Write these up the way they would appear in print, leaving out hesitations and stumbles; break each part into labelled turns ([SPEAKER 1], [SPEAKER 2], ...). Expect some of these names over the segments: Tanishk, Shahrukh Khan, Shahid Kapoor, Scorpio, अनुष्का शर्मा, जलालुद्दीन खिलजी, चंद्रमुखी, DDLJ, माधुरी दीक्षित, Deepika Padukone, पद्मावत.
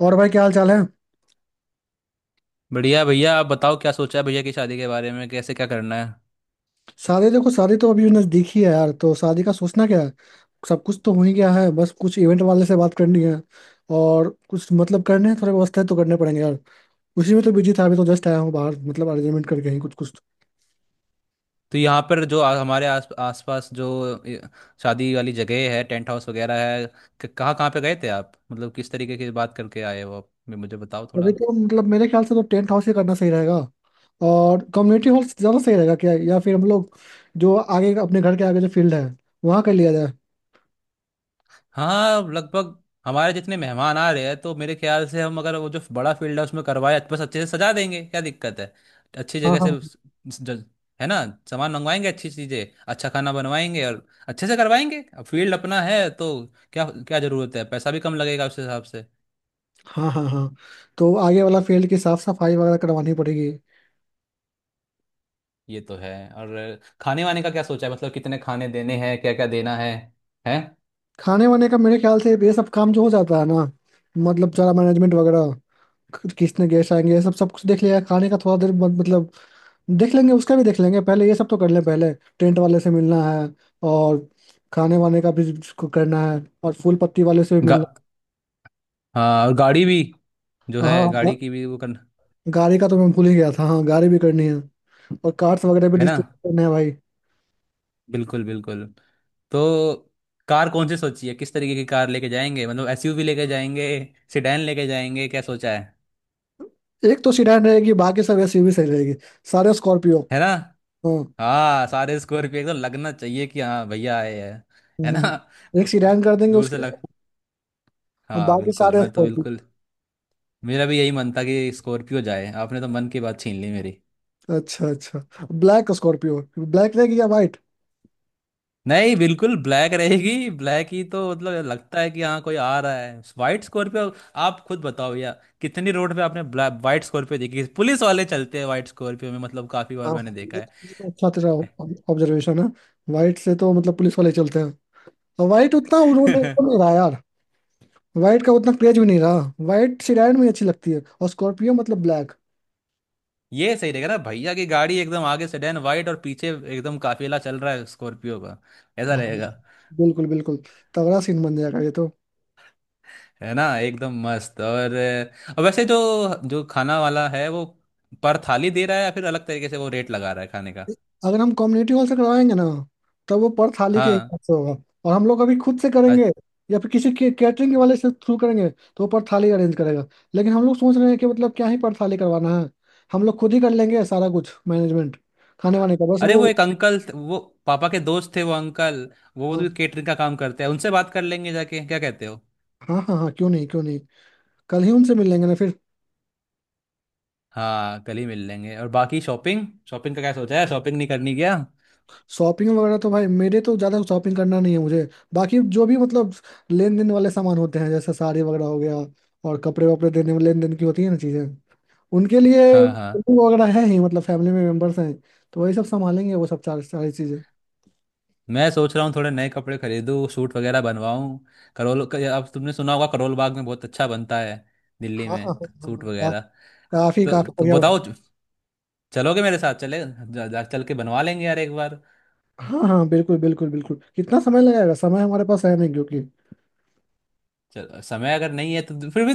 [SPEAKER 1] और भाई क्या हाल चाल है।
[SPEAKER 2] बढ़िया भैया, आप बताओ क्या सोचा है भैया की शादी के बारे में, कैसे क्या करना है।
[SPEAKER 1] शादी देखो, शादी तो अभी नजदीक ही है यार, तो शादी का सोचना क्या है। सब कुछ तो हो ही गया है, बस कुछ इवेंट वाले से बात करनी है और कुछ मतलब करने हैं, थोड़े व्यवस्था तो करने पड़ेंगे यार। उसी में तो बिजी था, अभी तो जस्ट आया हूँ बाहर, मतलब अरेंजमेंट करके ही कुछ कुछ।
[SPEAKER 2] तो यहाँ पर जो हमारे आस आसपास जो शादी वाली जगह है, टेंट हाउस वगैरह है, कहाँ कहाँ पे गए थे आप? मतलब किस तरीके की बात करके आए हो आप, मुझे बताओ
[SPEAKER 1] तो
[SPEAKER 2] थोड़ा।
[SPEAKER 1] देखो मतलब मेरे ख्याल से तो टेंट हाउस ही करना सही रहेगा। और कम्युनिटी हॉल ज़्यादा सही रहेगा क्या, या फिर हम लोग जो आगे, अपने घर के आगे जो फील्ड है, वहाँ कर लिया जाए।
[SPEAKER 2] हाँ, लगभग हमारे जितने मेहमान आ रहे हैं तो मेरे ख्याल से हम अगर वो जो बड़ा फील्ड है उसमें करवाए, बस अच्छे से सजा देंगे, क्या दिक्कत है। अच्छी
[SPEAKER 1] हाँ,
[SPEAKER 2] जगह
[SPEAKER 1] हाँ,
[SPEAKER 2] से ज- है ना, सामान मंगवाएंगे, अच्छी चीजें, अच्छा खाना बनवाएंगे और अच्छे से करवाएंगे। अब फील्ड अपना है तो क्या क्या जरूरत है, पैसा भी कम लगेगा उस हिसाब से।
[SPEAKER 1] हाँ, हाँ, हाँ। तो आगे वाला फील्ड की साफ सफाई वगैरह करवानी पड़ेगी।
[SPEAKER 2] ये तो है। और खाने वाने का क्या सोचा है? मतलब कितने खाने देने हैं, क्या क्या देना है, हैं?
[SPEAKER 1] खाने वाने का मेरे ख्याल से ये सब काम जो हो जाता है ना, मतलब सारा मैनेजमेंट वगैरह, किसने गेस्ट आएंगे ये सब सब कुछ देख लिया। खाने का थोड़ा देर मतलब देख लेंगे, उसका भी देख लेंगे, पहले ये सब तो कर लें पहले। टेंट वाले से मिलना है और खाने वाने का भी उसको करना है और फूल पत्ती वाले से भी
[SPEAKER 2] गा,
[SPEAKER 1] मिलना।
[SPEAKER 2] हाँ, और गाड़ी भी, जो
[SPEAKER 1] हाँ,
[SPEAKER 2] है
[SPEAKER 1] हाँ।
[SPEAKER 2] गाड़ी की भी वो करना।
[SPEAKER 1] गाड़ी का तो मैं भूल ही गया था, हाँ गाड़ी भी करनी है और कार्ड्स वगैरह भी
[SPEAKER 2] है ना।
[SPEAKER 1] डिस्ट्रीब्यूट करने हैं भाई।
[SPEAKER 2] बिल्कुल बिल्कुल। तो कार कौन सी सोची है? किस तरीके की कार लेके जाएंगे, मतलब एसयूवी लेके जाएंगे, सेडान लेके जाएंगे, क्या सोचा है?
[SPEAKER 1] एक तो सीडान रहेगी, बाकी सब एसयूवी सही रहेगी, सारे स्कॉर्पियो।
[SPEAKER 2] है ना।
[SPEAKER 1] हाँ।
[SPEAKER 2] हाँ सारे स्कॉर्पियो, एकदम लगना चाहिए कि हाँ भैया आए हैं। है ना।
[SPEAKER 1] हम्म, एक सीडान कर देंगे
[SPEAKER 2] दूर से
[SPEAKER 1] उसके
[SPEAKER 2] लग,
[SPEAKER 1] और
[SPEAKER 2] हाँ
[SPEAKER 1] बाकी
[SPEAKER 2] बिल्कुल,
[SPEAKER 1] सारे।
[SPEAKER 2] मैं तो बिल्कुल, मेरा भी यही मन था कि स्कॉर्पियो जाए, आपने तो मन की बात छीन ली मेरी।
[SPEAKER 1] अच्छा अच्छा। ब्लैक स्कॉर्पियो, ब्लैक रहेगी या वाइट।
[SPEAKER 2] नहीं, बिल्कुल ब्लैक रहेगी, ब्लैक ही तो मतलब लगता है कि हाँ कोई आ रहा है। व्हाइट स्कॉर्पियो, आप खुद बताओ यार कितनी रोड पे आपने ब्लैक व्हाइट स्कॉर्पियो देखी? पुलिस वाले चलते हैं व्हाइट स्कॉर्पियो में, मतलब काफी
[SPEAKER 1] हाँ
[SPEAKER 2] बार मैंने
[SPEAKER 1] हाँ,
[SPEAKER 2] देखा
[SPEAKER 1] ये
[SPEAKER 2] है।
[SPEAKER 1] तो ये तो अच्छा तेरा ऑब्जर्वेशन है। वाइट से तो मतलब पुलिस वाले चलते हैं और वाइट उतना उन्होंने वो नहीं रहा यार। वाइट का उतना क्रेज भी नहीं रहा। वाइट सिडान में अच्छी लगती है और स्कॉर्पियो मतलब ब्लैक।
[SPEAKER 2] ये सही रहेगा ना, भैया की गाड़ी एकदम आगे सेडान व्हाइट और पीछे एकदम काफिला चल रहा है स्कॉर्पियो का, ऐसा
[SPEAKER 1] हाँ।
[SPEAKER 2] रहेगा।
[SPEAKER 1] बिल्कुल बिल्कुल, तगड़ा सीन बन जाएगा ये तो।
[SPEAKER 2] है ना, एकदम मस्त। और वैसे जो जो खाना वाला है, वो पर थाली दे रहा है या फिर अलग तरीके से वो रेट लगा रहा है खाने का?
[SPEAKER 1] अगर हम कम्युनिटी हॉल से करवाएंगे ना, तब वो पर थाली के
[SPEAKER 2] हाँ,
[SPEAKER 1] हिसाब से होगा। और हम लोग अभी खुद से करेंगे या फिर किसी के कैटरिंग वाले से थ्रू करेंगे, तो वो पर थाली अरेंज करेगा। लेकिन हम लोग सोच रहे हैं कि मतलब क्या ही पर थाली करवाना है, हम लोग खुद ही कर लेंगे सारा कुछ मैनेजमेंट, खाने वाने का बस
[SPEAKER 2] अरे
[SPEAKER 1] वो।
[SPEAKER 2] वो एक अंकल वो पापा के दोस्त थे वो अंकल, वो
[SPEAKER 1] हाँ,
[SPEAKER 2] भी केटरिंग का काम करते हैं, उनसे बात कर लेंगे जाके, क्या कहते हो?
[SPEAKER 1] हाँ, हाँ, हाँ, क्यों नहीं क्यों नहीं। कल ही उनसे मिल लेंगे ना फिर।
[SPEAKER 2] हाँ कल ही मिल लेंगे। और बाकी शॉपिंग शॉपिंग का क्या सोचा है, शॉपिंग नहीं करनी क्या?
[SPEAKER 1] शॉपिंग वगैरह तो भाई, मेरे तो ज़्यादा शॉपिंग करना नहीं है मुझे। बाकी जो भी मतलब लेन देन वाले सामान होते हैं, जैसे साड़ी वगैरह हो गया। और कपड़े वपड़े देने में लेन देन की होती है ना चीज़ें, उनके लिए
[SPEAKER 2] हाँ हाँ,
[SPEAKER 1] कुकिंग वगैरह है ही। मतलब फैमिली में मेंबर्स हैं तो वही सब संभालेंगे, वो सब चार सारी चीजें।
[SPEAKER 2] मैं सोच रहा हूँ थोड़े नए कपड़े खरीदूँ, सूट वगैरह बनवाऊँ। अब तुमने सुना होगा करोल बाग में बहुत अच्छा बनता है, दिल्ली
[SPEAKER 1] हाँ, हाँ,
[SPEAKER 2] में,
[SPEAKER 1] हाँ, हाँ,
[SPEAKER 2] सूट वगैरह।
[SPEAKER 1] काफी काफी
[SPEAKER 2] तो
[SPEAKER 1] बढ़िया बना।
[SPEAKER 2] बताओ, चलोगे मेरे साथ? चले जा, जा, चल के बनवा लेंगे यार एक बार।
[SPEAKER 1] हाँ हाँ, बिल्कुल बिल्कुल बिल्कुल, कितना समय लगेगा, समय हमारे पास है नहीं क्योंकि
[SPEAKER 2] चलो समय अगर नहीं है तो फिर भी,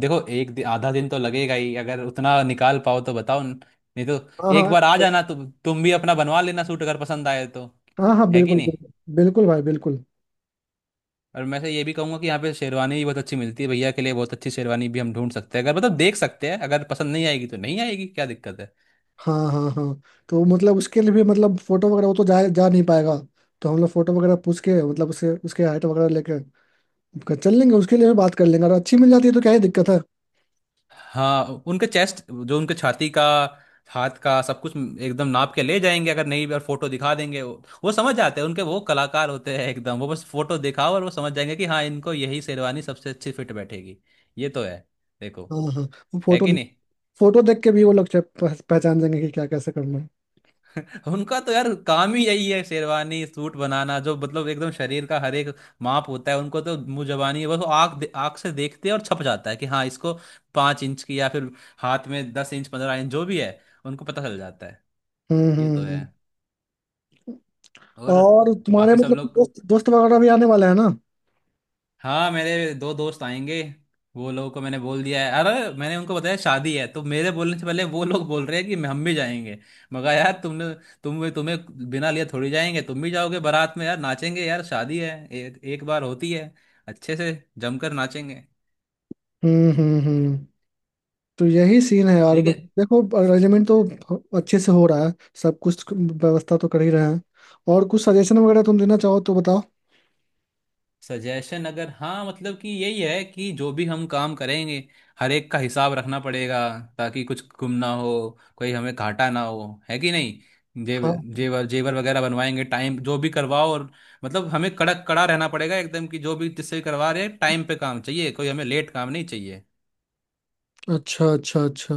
[SPEAKER 2] देखो एक आधा दिन तो लगेगा ही, अगर उतना निकाल पाओ तो बताओ, नहीं तो
[SPEAKER 1] हाँ
[SPEAKER 2] एक
[SPEAKER 1] हाँ
[SPEAKER 2] बार आ जाना तो। तुम भी अपना बनवा लेना सूट अगर पसंद आए तो।
[SPEAKER 1] हाँ, हाँ
[SPEAKER 2] है कि
[SPEAKER 1] बिल्कुल
[SPEAKER 2] नहीं।
[SPEAKER 1] बिल्कुल बिल्कुल भाई बिल्कुल।
[SPEAKER 2] और मैं से ये भी कहूंगा कि यहाँ पे शेरवानी भी बहुत अच्छी मिलती है, भैया के लिए बहुत अच्छी शेरवानी भी हम ढूंढ सकते हैं, अगर मतलब देख सकते हैं, अगर पसंद नहीं आएगी तो नहीं आएगी, क्या दिक्कत है।
[SPEAKER 1] हाँ, हाँ, हाँ। तो मतलब उसके लिए भी, मतलब फोटो वगैरह, वो तो जा जा नहीं पाएगा। तो हम लोग फोटो वगैरह पूछ के, मतलब उसके उसके हाइट वगैरह लेके चल लेंगे, उसके लिए भी बात कर लेंगे, अगर अच्छी मिल जाती है तो क्या ही दिक्कत है।
[SPEAKER 2] हाँ उनके चेस्ट जो उनके छाती का, हाथ का सब कुछ एकदम नाप के ले जाएंगे, अगर नहीं भी और फोटो दिखा देंगे, वो समझ जाते हैं, उनके वो कलाकार होते हैं एकदम, वो बस फोटो दिखाओ और वो समझ जाएंगे कि हाँ इनको यही शेरवानी सबसे अच्छी फिट बैठेगी। ये तो है, देखो,
[SPEAKER 1] हाँ, हाँ। वो
[SPEAKER 2] है
[SPEAKER 1] फोटो,
[SPEAKER 2] कि नहीं।
[SPEAKER 1] फोटो देख के भी वो लोग पहचान जाएंगे कि क्या कैसे करना है।
[SPEAKER 2] उनका तो यार काम ही यही है शेरवानी सूट बनाना, जो मतलब एकदम शरीर का हर एक माप होता है उनको तो मुंह जबानी, बस वो आँख आँख से देखते हैं और छप जाता है कि हाँ इसको पाँच इंच की या फिर हाथ में दस इंच पंद्रह इंच जो भी है, उनको पता चल जाता है।
[SPEAKER 1] हम्म
[SPEAKER 2] ये
[SPEAKER 1] हम्म
[SPEAKER 2] तो है
[SPEAKER 1] हम्म।
[SPEAKER 2] और
[SPEAKER 1] और तुम्हारे
[SPEAKER 2] बाकी सब
[SPEAKER 1] मतलब
[SPEAKER 2] लोग,
[SPEAKER 1] दोस्त दोस्त वगैरह भी आने वाले हैं ना।
[SPEAKER 2] हाँ मेरे दो दोस्त आएंगे, वो लोगों को मैंने बोल दिया है। अरे मैंने उनको बताया शादी है तो मेरे बोलने से पहले वो लोग बोल रहे हैं कि हम भी जाएंगे। मगर यार तुमने, तुम्हें बिना लिए थोड़ी जाएंगे, तुम भी जाओगे बारात में यार, नाचेंगे यार, शादी है, एक बार होती है, अच्छे से जमकर नाचेंगे।
[SPEAKER 1] हम्म हम्म हम्म। तो यही सीन है यार,
[SPEAKER 2] ठीक
[SPEAKER 1] मतलब
[SPEAKER 2] है,
[SPEAKER 1] देखो, अरेंजमेंट तो अच्छे से हो रहा है, सब कुछ व्यवस्था तो कर ही रहे हैं। और कुछ सजेशन वगैरह तुम देना चाहो तो बताओ।
[SPEAKER 2] सजेशन अगर हाँ मतलब कि यही है कि जो भी हम काम करेंगे हर एक का हिसाब रखना पड़ेगा, ताकि कुछ गुम ना हो, कोई हमें घाटा ना हो, है कि नहीं। जेब
[SPEAKER 1] हाँ।
[SPEAKER 2] जेवर जेवर वगैरह बनवाएंगे टाइम, जो भी करवाओ, और मतलब हमें कड़क कड़ा रहना पड़ेगा एकदम कि जो भी जिससे भी करवा रहे हैं टाइम पे काम चाहिए, कोई हमें लेट काम नहीं चाहिए।
[SPEAKER 1] अच्छा अच्छा अच्छा।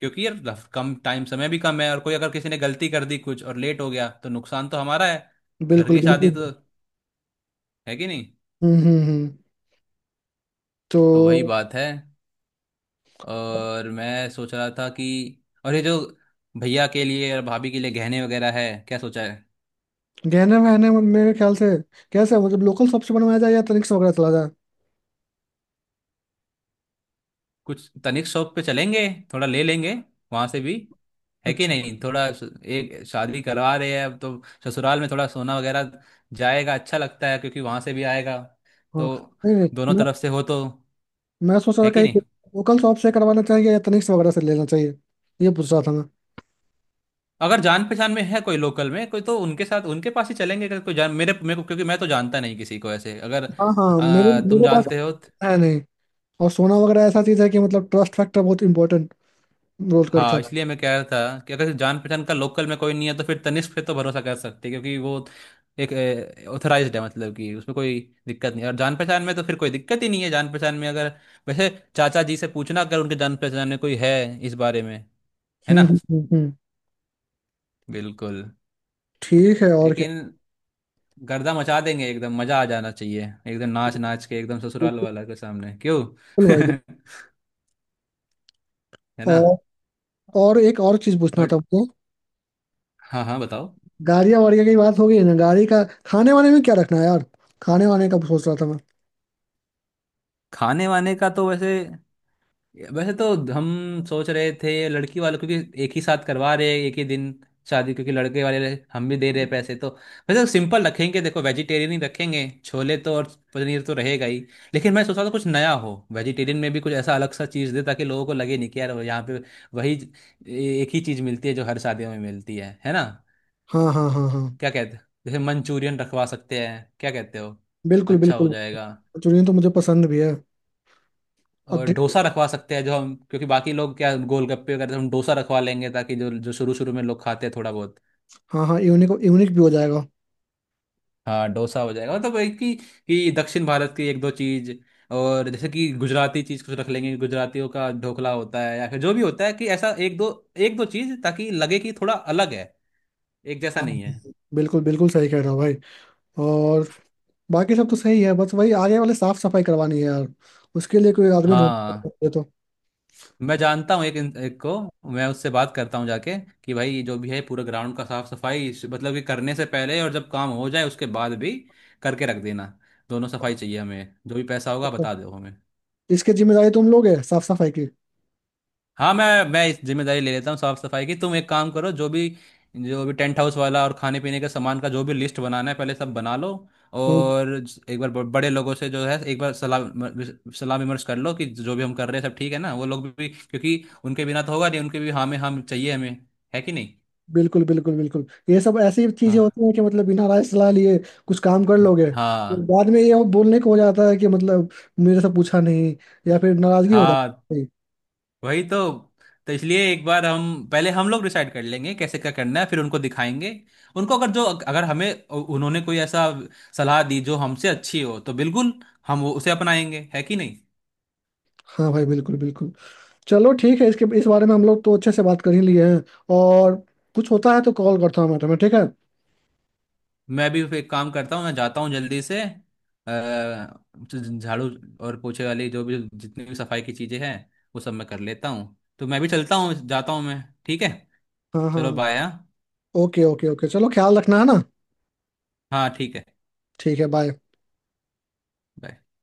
[SPEAKER 2] क्योंकि यार कम टाइम, समय भी कम है, और कोई अगर किसी ने गलती कर दी, कुछ और लेट हो गया तो नुकसान तो हमारा है। घर
[SPEAKER 1] बिल्कुल
[SPEAKER 2] की
[SPEAKER 1] बिल्कुल।
[SPEAKER 2] शादी तो, है कि नहीं।
[SPEAKER 1] हम्म हम्म हम्म। तो
[SPEAKER 2] तो वही बात है। और मैं सोच रहा था कि और ये जो भैया के लिए और भाभी के लिए गहने वगैरह है, क्या सोचा है?
[SPEAKER 1] गहने वहने में मेरे ख्याल से कैसे, मतलब लोकल शॉप से बनवाया जाए या तनिक से वगैरह चला जाए।
[SPEAKER 2] कुछ तनिक शॉप पे चलेंगे, थोड़ा ले लेंगे वहां से भी, है कि
[SPEAKER 1] अच्छा।
[SPEAKER 2] नहीं। थोड़ा एक शादी करवा रहे हैं अब, तो ससुराल में थोड़ा सोना वगैरह जाएगा अच्छा लगता है, क्योंकि वहां से भी आएगा
[SPEAKER 1] हाँ।
[SPEAKER 2] तो,
[SPEAKER 1] नहीं
[SPEAKER 2] दोनों
[SPEAKER 1] नहीं,
[SPEAKER 2] तरफ से हो तो,
[SPEAKER 1] मैं सोच रहा था
[SPEAKER 2] है कि नहीं।
[SPEAKER 1] कहीं लोकल शॉप से करवाना चाहिए या तनिष्क वगैरह से लेना चाहिए, ये पूछ रहा था मैं।
[SPEAKER 2] अगर जान पहचान में है कोई लोकल में कोई तो उनके साथ उनके पास ही चलेंगे। अगर कोई जान, मेरे मेरे को क्योंकि मैं तो जानता नहीं किसी को ऐसे, अगर
[SPEAKER 1] हाँ हाँ, मेरे
[SPEAKER 2] तुम
[SPEAKER 1] मेरे पास
[SPEAKER 2] जानते हो।
[SPEAKER 1] है नहीं। और सोना वगैरह ऐसा चीज है कि मतलब ट्रस्ट फैक्टर बहुत इंपॉर्टेंट रोल करता
[SPEAKER 2] हाँ
[SPEAKER 1] है।
[SPEAKER 2] इसलिए मैं कह रहा था कि अगर जान पहचान का लोकल में कोई नहीं है तो फिर तनिष्क पे तो भरोसा कर सकते हैं, क्योंकि वो एक ऑथराइज्ड है, मतलब कि उसमें कोई दिक्कत नहीं है। और जान पहचान में तो फिर कोई दिक्कत ही नहीं है। जान पहचान में अगर, वैसे चाचा जी से पूछना अगर उनके जान पहचान में कोई है इस बारे में। है
[SPEAKER 1] हम्म
[SPEAKER 2] ना,
[SPEAKER 1] हम्म हम्म हम्म।
[SPEAKER 2] बिल्कुल।
[SPEAKER 1] ठीक है, और क्या।
[SPEAKER 2] लेकिन गर्दा मचा देंगे एकदम, मजा आ जाना चाहिए एकदम, नाच नाच के एकदम ससुराल
[SPEAKER 1] बिल्कुल
[SPEAKER 2] वाला के सामने, क्यों।
[SPEAKER 1] भाई।
[SPEAKER 2] है ना।
[SPEAKER 1] और एक और चीज पूछना
[SPEAKER 2] और
[SPEAKER 1] था मुझे।
[SPEAKER 2] हाँ हाँ बताओ।
[SPEAKER 1] गाड़िया वाड़िया की बात हो गई ना, गाड़ी का। खाने वाने में क्या रखना है यार, खाने वाने का सोच रहा था मैं।
[SPEAKER 2] खाने वाने का तो वैसे, वैसे तो हम सोच रहे थे लड़की वालों, क्योंकि एक ही साथ करवा रहे हैं एक ही दिन शादी, क्योंकि लड़के वाले हम भी दे रहे हैं पैसे तो, वैसे तो सिंपल रखेंगे, देखो वेजिटेरियन ही रखेंगे, छोले तो और पनीर तो रहेगा ही। लेकिन मैं सोच रहा था कुछ नया हो, वेजिटेरियन में भी कुछ ऐसा अलग सा चीज़ दे, ताकि लोगों को लगे नहीं कि यार यहाँ पे वही एक ही चीज़ मिलती है जो हर शादियों में मिलती है ना।
[SPEAKER 1] हाँ, हाँ, हाँ, हाँ,
[SPEAKER 2] क्या कहते, जैसे मंचूरियन रखवा सकते हैं, क्या कहते हो?
[SPEAKER 1] बिल्कुल
[SPEAKER 2] अच्छा
[SPEAKER 1] बिल्कुल।
[SPEAKER 2] हो जाएगा।
[SPEAKER 1] मंचूरियन तो मुझे पसंद भी है और
[SPEAKER 2] और डोसा रखवा सकते हैं, जो हम क्योंकि बाकी लोग क्या गोलगप्पे वगैरह, हम डोसा रखवा लेंगे ताकि जो जो शुरू शुरू में लोग खाते हैं थोड़ा बहुत।
[SPEAKER 1] हाँ हाँ, यूनिक यूनिक भी हो जाएगा।
[SPEAKER 2] हाँ डोसा हो जाएगा, मतलब एक ही कि दक्षिण भारत की एक दो चीज, और जैसे कि गुजराती चीज कुछ रख लेंगे, गुजरातियों का ढोकला होता है या फिर जो भी होता है, कि ऐसा एक दो, एक दो चीज ताकि लगे कि थोड़ा अलग है, एक जैसा
[SPEAKER 1] हाँ,
[SPEAKER 2] नहीं है।
[SPEAKER 1] बिल्कुल बिल्कुल सही कह रहे हो भाई। और बाकी सब तो सही है, बस वही आगे वाले साफ सफाई करवानी है यार, उसके लिए कोई आदमी ढूंढ
[SPEAKER 2] हाँ
[SPEAKER 1] तो।
[SPEAKER 2] मैं जानता हूँ एक को मैं, उससे बात करता हूँ जाके, कि भाई ये जो भी है पूरा ग्राउंड का साफ सफाई मतलब कि करने से पहले और जब काम हो जाए उसके बाद भी करके रख देना, दोनों सफाई चाहिए हमें, जो भी पैसा होगा बता दो हमें।
[SPEAKER 1] इसकी जिम्मेदारी तुम लोगे साफ सफाई की।
[SPEAKER 2] हाँ मैं इस जिम्मेदारी ले लेता हूँ साफ सफाई की, तुम एक काम करो, जो भी टेंट हाउस वाला और खाने पीने के सामान का जो भी लिस्ट बनाना है पहले सब बना लो।
[SPEAKER 1] हम्म,
[SPEAKER 2] और एक बार बड़े लोगों से जो है एक बार सलाह विमर्श कर लो कि जो भी हम कर रहे हैं सब ठीक है ना, वो लोग भी क्योंकि उनके बिना तो होगा नहीं, उनके भी हाँ में हम चाहिए हमें, है कि नहीं।
[SPEAKER 1] बिल्कुल बिल्कुल बिल्कुल, ये सब ऐसी चीजें
[SPEAKER 2] हाँ
[SPEAKER 1] होती हैं कि मतलब बिना राय सलाह लिए कुछ काम कर लोगे तो
[SPEAKER 2] हाँ
[SPEAKER 1] बाद में ये वो बोलने को हो जाता है कि मतलब मेरे से पूछा नहीं या फिर नाराजगी हो
[SPEAKER 2] हाँ,
[SPEAKER 1] जाती है।
[SPEAKER 2] वही तो। तो इसलिए एक बार हम पहले हम लोग डिसाइड कर लेंगे कैसे क्या करना है, फिर उनको दिखाएंगे। उनको अगर जो अगर हमें, उन्होंने कोई ऐसा सलाह दी जो हमसे अच्छी हो तो बिल्कुल हम वो उसे अपनाएंगे, है कि नहीं।
[SPEAKER 1] हाँ भाई, बिल्कुल बिल्कुल। चलो ठीक है, इसके इस बारे में हम लोग तो अच्छे से बात कर ही लिए हैं। और कुछ होता है तो कॉल करता हूँ मैं तुम्हें, ठीक है।
[SPEAKER 2] मैं भी एक काम करता हूँ, मैं जाता हूँ जल्दी से झाड़ू और पोछे वाली जो भी जितनी भी सफाई की चीज़ें हैं वो सब मैं कर लेता हूँ, तो मैं भी चलता हूँ जाता हूँ मैं, ठीक है।
[SPEAKER 1] हाँ, हाँ,
[SPEAKER 2] चलो
[SPEAKER 1] हाँ।
[SPEAKER 2] बाय। हाँ
[SPEAKER 1] ओके ओके ओके, चलो, ख्याल रखना, है ना।
[SPEAKER 2] हाँ, ठीक है।
[SPEAKER 1] ठीक है, बाय।
[SPEAKER 2] bye।